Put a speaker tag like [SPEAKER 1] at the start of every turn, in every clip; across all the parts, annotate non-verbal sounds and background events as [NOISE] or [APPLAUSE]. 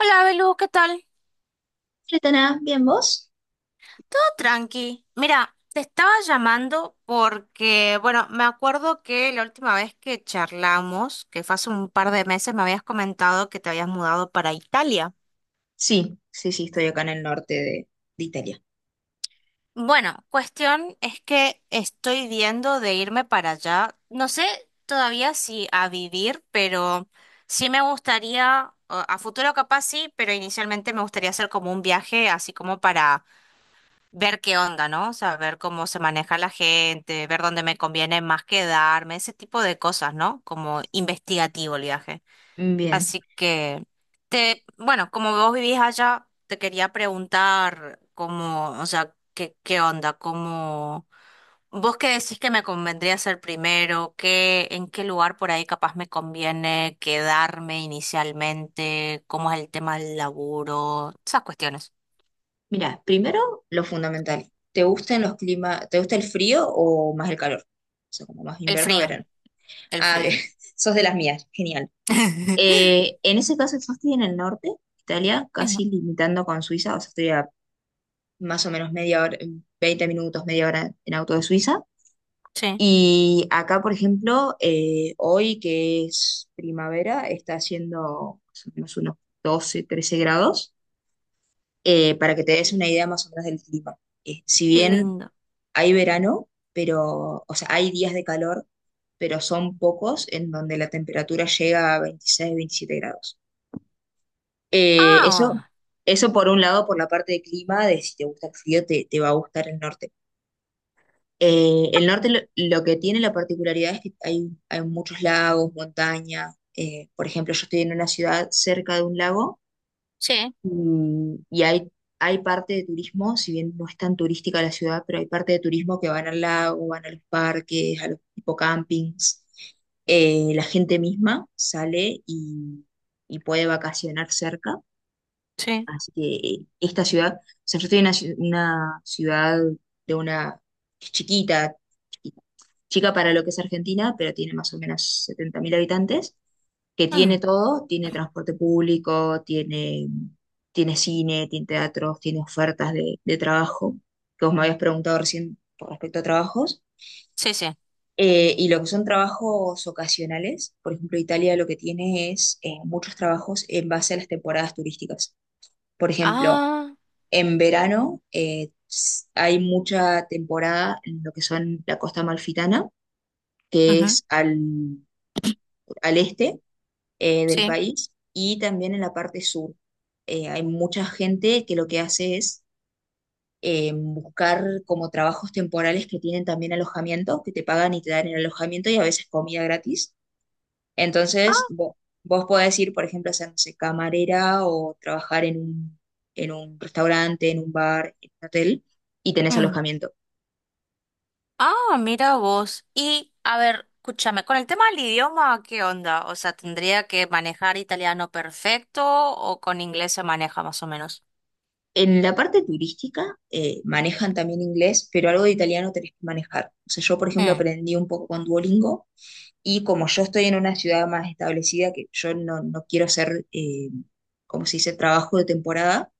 [SPEAKER 1] Hola, Belu, ¿qué tal?
[SPEAKER 2] Retana, ¿bien vos?
[SPEAKER 1] Todo tranqui. Mira, te estaba llamando porque, bueno, me acuerdo que la última vez que charlamos, que fue hace un par de meses, me habías comentado que te habías mudado para Italia.
[SPEAKER 2] Sí, sí, sí, estoy acá en el norte de Italia.
[SPEAKER 1] Bueno, cuestión es que estoy viendo de irme para allá. No sé todavía si a vivir, pero sí me gustaría, o a futuro capaz sí, pero inicialmente me gustaría hacer como un viaje, así como para ver qué onda, ¿no? O sea, ver cómo se maneja la gente, ver dónde me conviene más quedarme, ese tipo de cosas, ¿no? Como investigativo el viaje.
[SPEAKER 2] Bien.
[SPEAKER 1] Así que, te, bueno, como vos vivís allá, te quería preguntar cómo, o sea, qué, qué onda, cómo, vos qué decís que me convendría hacer primero, qué, en qué lugar por ahí capaz me conviene quedarme inicialmente, cómo es el tema del laburo, esas cuestiones.
[SPEAKER 2] Mira, primero lo fundamental. ¿Te gustan los climas? ¿Te gusta el frío o más el calor? O sea, como más
[SPEAKER 1] El
[SPEAKER 2] invierno o
[SPEAKER 1] frío,
[SPEAKER 2] verano.
[SPEAKER 1] el
[SPEAKER 2] Ah,
[SPEAKER 1] frío.
[SPEAKER 2] bien. [LAUGHS] Sos de las mías. Genial.
[SPEAKER 1] [LAUGHS]
[SPEAKER 2] En ese caso, yo estoy en el norte de Italia, casi limitando con Suiza. O sea, estoy a más o menos media hora, 20 minutos, media hora en auto de Suiza.
[SPEAKER 1] Sí.
[SPEAKER 2] Y acá, por ejemplo, hoy que es primavera, está haciendo más o menos unos 12 13 grados, para que te
[SPEAKER 1] Qué
[SPEAKER 2] des una
[SPEAKER 1] lindo,
[SPEAKER 2] idea más o menos del clima. Si
[SPEAKER 1] qué
[SPEAKER 2] bien
[SPEAKER 1] lindo.
[SPEAKER 2] hay verano, pero, o sea, hay días de calor, pero son pocos en donde la temperatura llega a 26 27 grados. Eh, eso,
[SPEAKER 1] Ah,
[SPEAKER 2] Eso por un lado, por la parte de clima, de si te gusta el frío, te va a gustar el norte. El norte lo que tiene la particularidad es que hay muchos lagos, montañas. Por ejemplo, yo estoy en una ciudad cerca de un lago
[SPEAKER 1] sí,
[SPEAKER 2] y, y hay parte de turismo, si bien no es tan turística la ciudad, pero hay parte de turismo que van al lago, van a los parques, a los tipo campings. La gente misma sale y puede vacacionar cerca.
[SPEAKER 1] sí.
[SPEAKER 2] Así que esta ciudad, o sea, yo estoy en una ciudad de una que es chiquita, chica para lo que es Argentina, pero tiene más o menos 70.000 habitantes, que tiene
[SPEAKER 1] Mm,
[SPEAKER 2] todo, tiene transporte público, tiene cine, tiene teatros, tiene ofertas de trabajo, que vos me habías preguntado recién con respecto a trabajos.
[SPEAKER 1] sí, sí.
[SPEAKER 2] Y lo que son trabajos ocasionales, por ejemplo, Italia lo que tiene es muchos trabajos en base a las temporadas turísticas. Por ejemplo,
[SPEAKER 1] Ah,
[SPEAKER 2] en verano hay mucha temporada en lo que son la costa amalfitana, que
[SPEAKER 1] ujú,
[SPEAKER 2] es al este del
[SPEAKER 1] sí.
[SPEAKER 2] país y también en la parte sur. Hay mucha gente que lo que hace es buscar como trabajos temporales que tienen también alojamiento, que te pagan y te dan el alojamiento y a veces comida gratis. Entonces,
[SPEAKER 1] Ah,
[SPEAKER 2] vos podés ir, por ejemplo, a ser, no sé, camarera o trabajar en un restaurante, en un bar, en un hotel y tenés
[SPEAKER 1] mm.
[SPEAKER 2] alojamiento.
[SPEAKER 1] Ah, mira vos. Y, a ver, escúchame, con el tema del idioma, ¿qué onda? O sea, ¿tendría que manejar italiano perfecto o con inglés se maneja más o menos?
[SPEAKER 2] En la parte turística manejan también inglés, pero algo de italiano tenés que manejar. O sea, yo, por ejemplo,
[SPEAKER 1] Mm,
[SPEAKER 2] aprendí un poco con Duolingo. Y como yo estoy en una ciudad más establecida, que yo no quiero hacer como se dice, trabajo de temporada,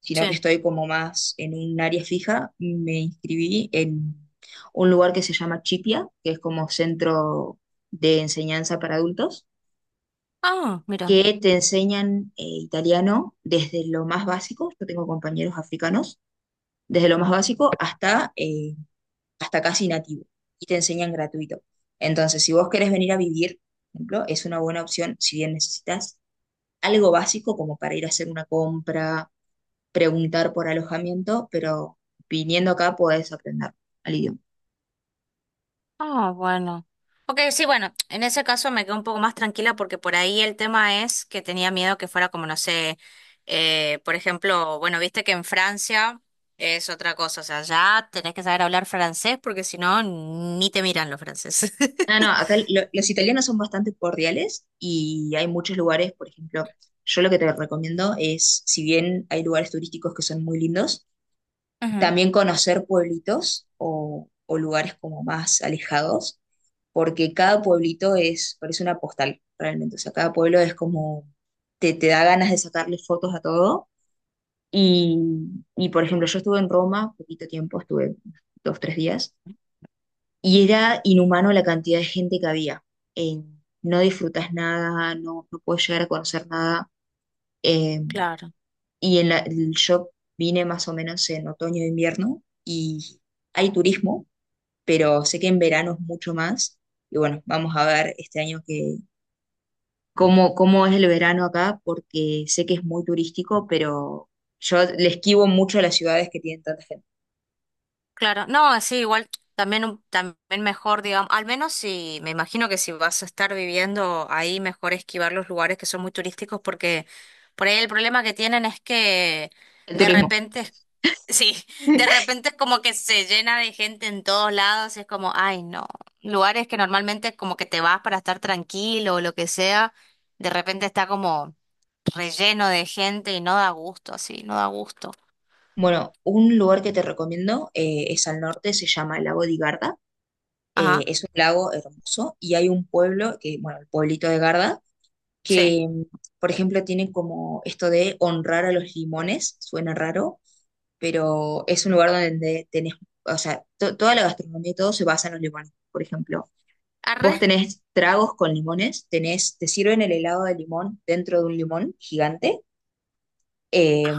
[SPEAKER 2] sino que
[SPEAKER 1] sí.
[SPEAKER 2] estoy como más en un área fija, me inscribí en un lugar que se llama Chipia, que es como centro de enseñanza para adultos,
[SPEAKER 1] Ah, mira.
[SPEAKER 2] que te enseñan italiano desde lo más básico, yo tengo compañeros africanos, desde lo más básico hasta casi nativo y te enseñan gratuito. Entonces, si vos querés venir a vivir, por ejemplo, es una buena opción si bien necesitas algo básico como para ir a hacer una compra, preguntar por alojamiento, pero viniendo acá podés aprender al idioma.
[SPEAKER 1] Ah, bueno. Ok, sí, bueno, en ese caso me quedo un poco más tranquila porque por ahí el tema es que tenía miedo que fuera como, no sé, por ejemplo, bueno, viste que en Francia es otra cosa, o sea, ya tenés que saber hablar francés porque si no, ni te miran los franceses.
[SPEAKER 2] Ah, no,
[SPEAKER 1] [LAUGHS]
[SPEAKER 2] acá los italianos son bastante cordiales y hay muchos lugares, por ejemplo, yo lo que te recomiendo es, si bien hay lugares turísticos que son muy lindos,
[SPEAKER 1] Ujú,
[SPEAKER 2] también conocer pueblitos o lugares como más alejados porque cada pueblito es, parece una postal realmente, o sea, cada pueblo es como, te da ganas de sacarle fotos a todo. Y, y, por ejemplo, yo estuve en Roma poquito tiempo, estuve 2, 3 días, y era inhumano la cantidad de gente que había. Eh, no disfrutas nada, no puedes llegar a conocer nada. eh,
[SPEAKER 1] claro.
[SPEAKER 2] yo vine más o menos en otoño e invierno y hay turismo, pero sé que en verano es mucho más. Y bueno, vamos a ver este año cómo es el verano acá, porque sé que es muy turístico, pero yo le esquivo mucho a las ciudades que tienen tanta gente.
[SPEAKER 1] Claro, no, sí, igual también, un- también mejor, digamos, al menos si, me imagino que si vas a estar viviendo ahí, mejor esquivar los lugares que son muy turísticos porque por ahí el problema que tienen es que
[SPEAKER 2] El
[SPEAKER 1] de
[SPEAKER 2] turismo.
[SPEAKER 1] repente, es- sí, [LAUGHS] de
[SPEAKER 2] [LAUGHS]
[SPEAKER 1] repente es como que se llena de gente en todos lados, es como, ay, no, lugares que normalmente como que te vas para estar tranquilo o lo que sea, de repente está como relleno de gente y no da gusto, así, no da gusto.
[SPEAKER 2] Bueno, un lugar que te recomiendo es al norte, se llama el lago de Garda.
[SPEAKER 1] Ajá,
[SPEAKER 2] Es un lago hermoso y hay un pueblo, que, bueno, el pueblito de Garda,
[SPEAKER 1] sí.
[SPEAKER 2] que, por ejemplo, tiene como esto de honrar a los limones, suena raro, pero es un lugar donde tenés, o sea, toda la gastronomía y todo se basa en los limones. Por ejemplo,
[SPEAKER 1] Arre.
[SPEAKER 2] vos tenés tragos con limones, tenés, te sirven el helado de limón dentro de un limón gigante eh,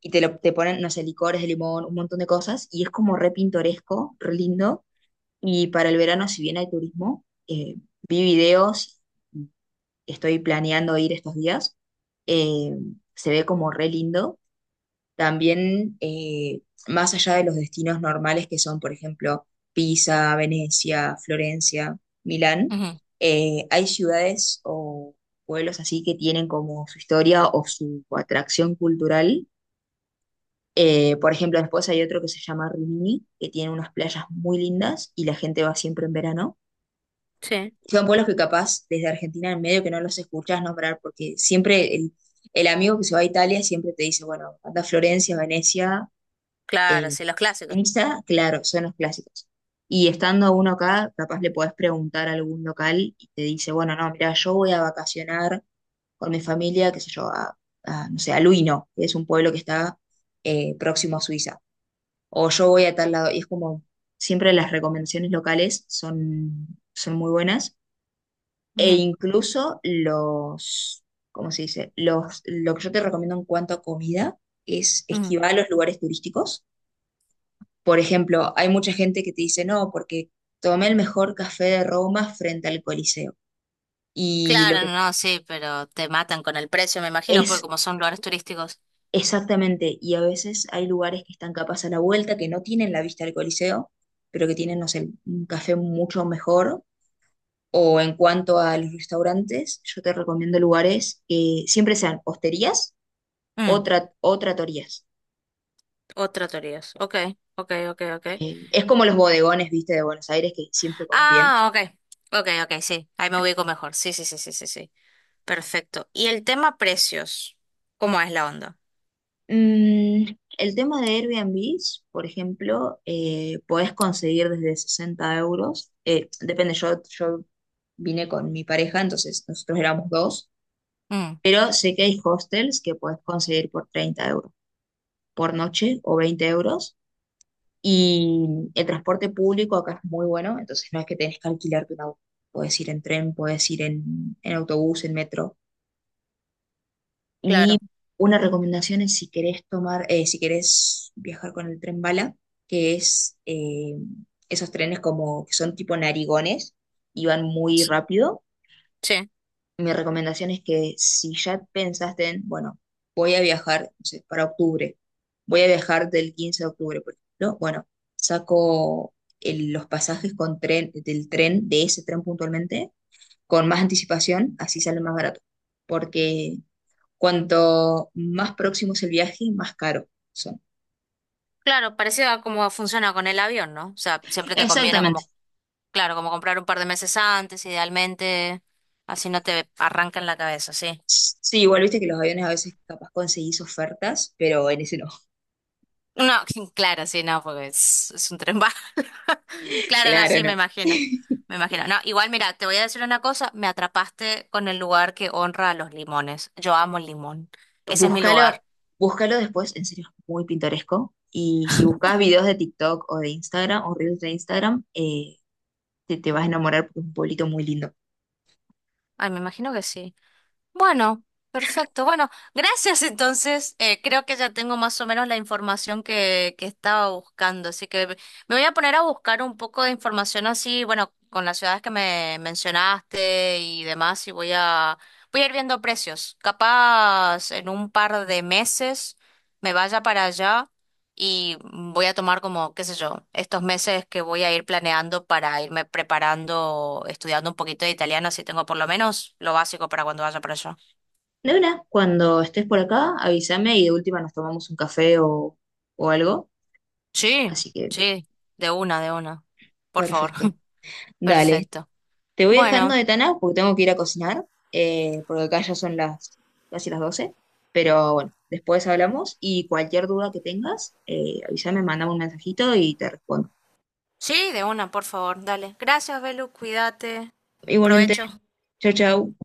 [SPEAKER 2] y te ponen, no sé, licores de limón, un montón de cosas y es como re pintoresco, re lindo. Y para el verano, si bien hay turismo, vi videos, estoy planeando ir estos días, eh, se ve como re lindo también, más allá de los destinos normales que son, por ejemplo, Pisa, Venecia, Florencia, Milán,
[SPEAKER 1] Ujú.
[SPEAKER 2] hay ciudades o pueblos así que tienen como su historia o su atracción cultural. Por ejemplo, después hay otro que se llama Rimini, que tiene unas playas muy lindas y la gente va siempre en verano.
[SPEAKER 1] Sí.
[SPEAKER 2] Son pueblos que capaz desde Argentina en medio que no los escuchas nombrar, porque siempre el amigo que se va a Italia siempre te dice, bueno, anda a Florencia, Venecia,
[SPEAKER 1] Claro,
[SPEAKER 2] eh,
[SPEAKER 1] sí, los clásicos.
[SPEAKER 2] esa, claro, son los clásicos. Y estando uno acá, capaz le podés preguntar a algún local y te dice, bueno, no, mira, yo voy a vacacionar con mi familia, qué sé yo, a, no sé, a Luino, que es un pueblo que está próximo a Suiza. O yo voy a tal lado. Y es como, siempre las recomendaciones locales son muy buenas. E
[SPEAKER 1] Ujú,
[SPEAKER 2] incluso los, ¿cómo se dice? Lo que yo te recomiendo en cuanto a comida es
[SPEAKER 1] ujú.
[SPEAKER 2] esquivar los lugares turísticos. Por ejemplo, hay mucha gente que te dice, no, porque tomé el mejor café de Roma frente al Coliseo. Y lo
[SPEAKER 1] Claro,
[SPEAKER 2] que
[SPEAKER 1] no, no, sí, pero te matan con el precio, me imagino, porque
[SPEAKER 2] es
[SPEAKER 1] como son lugares turísticos.
[SPEAKER 2] exactamente, y a veces hay lugares que están capaz a la vuelta, que no tienen la vista del Coliseo, pero que tienen, no sé, un café mucho mejor. O en cuanto a los restaurantes, yo te recomiendo lugares que siempre sean hosterías
[SPEAKER 1] Mm,
[SPEAKER 2] o tratorías.
[SPEAKER 1] otro teorías. Ok, ok, ok, ok.
[SPEAKER 2] Es como los bodegones, viste, de Buenos Aires, que siempre comes bien.
[SPEAKER 1] Ah, ok, ok, ok, sí. Ahí me ubico mejor. Sí, sí, sí, sí, sí, sí. Perfecto. Y el tema precios, ¿cómo es la onda?
[SPEAKER 2] Mm, el tema de Airbnb, por ejemplo, podés conseguir desde 60 euros. Depende, yo vine con mi pareja, entonces nosotros éramos dos,
[SPEAKER 1] Mm,
[SPEAKER 2] pero sé que hay hostels que podés conseguir por 30 euros por noche o 20 euros. Y el transporte público acá es muy bueno, entonces no es que tenés que alquilarte un auto. Podés ir en tren, podés ir en autobús, en metro. Y
[SPEAKER 1] claro.
[SPEAKER 2] una recomendación es si querés tomar, si querés viajar con el tren bala, que es esos trenes como que son tipo narigones y van muy
[SPEAKER 1] S-
[SPEAKER 2] rápido.
[SPEAKER 1] sí,
[SPEAKER 2] Mi recomendación es que si ya pensaste en, bueno, voy a viajar, no sé, para octubre, voy a viajar del 15 de octubre, por ejemplo, bueno, saco los pasajes con tren, del tren, de ese tren puntualmente, con más anticipación, así sale más barato. Porque cuanto más próximo es el viaje, más caro son.
[SPEAKER 1] claro, parecido a cómo funciona con el avión, ¿no? O sea, siempre te conviene
[SPEAKER 2] Exactamente.
[SPEAKER 1] como, claro, como comprar un par de meses antes, idealmente, así no te arranca en la cabeza, sí.
[SPEAKER 2] Sí, igual viste que los aviones a veces capaz conseguís ofertas, pero en ese no.
[SPEAKER 1] No, [LAUGHS] claro, sí, no, porque es un tren bala. [LAUGHS]
[SPEAKER 2] [LAUGHS]
[SPEAKER 1] Claro, no,
[SPEAKER 2] Claro,
[SPEAKER 1] sí,
[SPEAKER 2] no.
[SPEAKER 1] me imagino.
[SPEAKER 2] [LAUGHS]
[SPEAKER 1] Me imagino. No, igual, mira, te voy a decir una cosa, me atrapaste con el lugar que honra a los limones. Yo amo el limón. Ese es mi
[SPEAKER 2] Búscalo,
[SPEAKER 1] lugar.
[SPEAKER 2] búscalo después, en serio, es muy pintoresco. Y si buscas videos de TikTok o de Instagram o reels de Instagram, te vas a enamorar porque es un pueblito muy lindo.
[SPEAKER 1] Ay, me imagino que sí. Bueno, perfecto. Bueno, gracias entonces. Creo que ya tengo más o menos la información que estaba buscando, así que me voy a poner a buscar un poco de información así, bueno, con las ciudades que me mencionaste y demás, y voy a ir viendo precios. Capaz en un par de meses me vaya para allá y voy a tomar como, qué sé yo, estos meses que voy a ir planeando para irme preparando, estudiando un poquito de italiano, así tengo por lo menos lo básico para cuando vaya para allá.
[SPEAKER 2] De una, cuando estés por acá, avísame y de última nos tomamos un café o algo.
[SPEAKER 1] Sí,
[SPEAKER 2] Así que
[SPEAKER 1] sí, de una, de una. Por favor.
[SPEAKER 2] perfecto.
[SPEAKER 1] [LAUGHS]
[SPEAKER 2] Dale,
[SPEAKER 1] Perfecto.
[SPEAKER 2] te voy dejando
[SPEAKER 1] Bueno,
[SPEAKER 2] de Tana porque tengo que ir a cocinar, porque acá ya son las casi las 12. Pero bueno, después hablamos y cualquier duda que tengas, avísame, mandame un mensajito y te respondo.
[SPEAKER 1] sí, de una, por favor. Dale. Gracias, Belu, cuídate.
[SPEAKER 2] Igualmente,
[SPEAKER 1] Provecho.
[SPEAKER 2] chau, chau.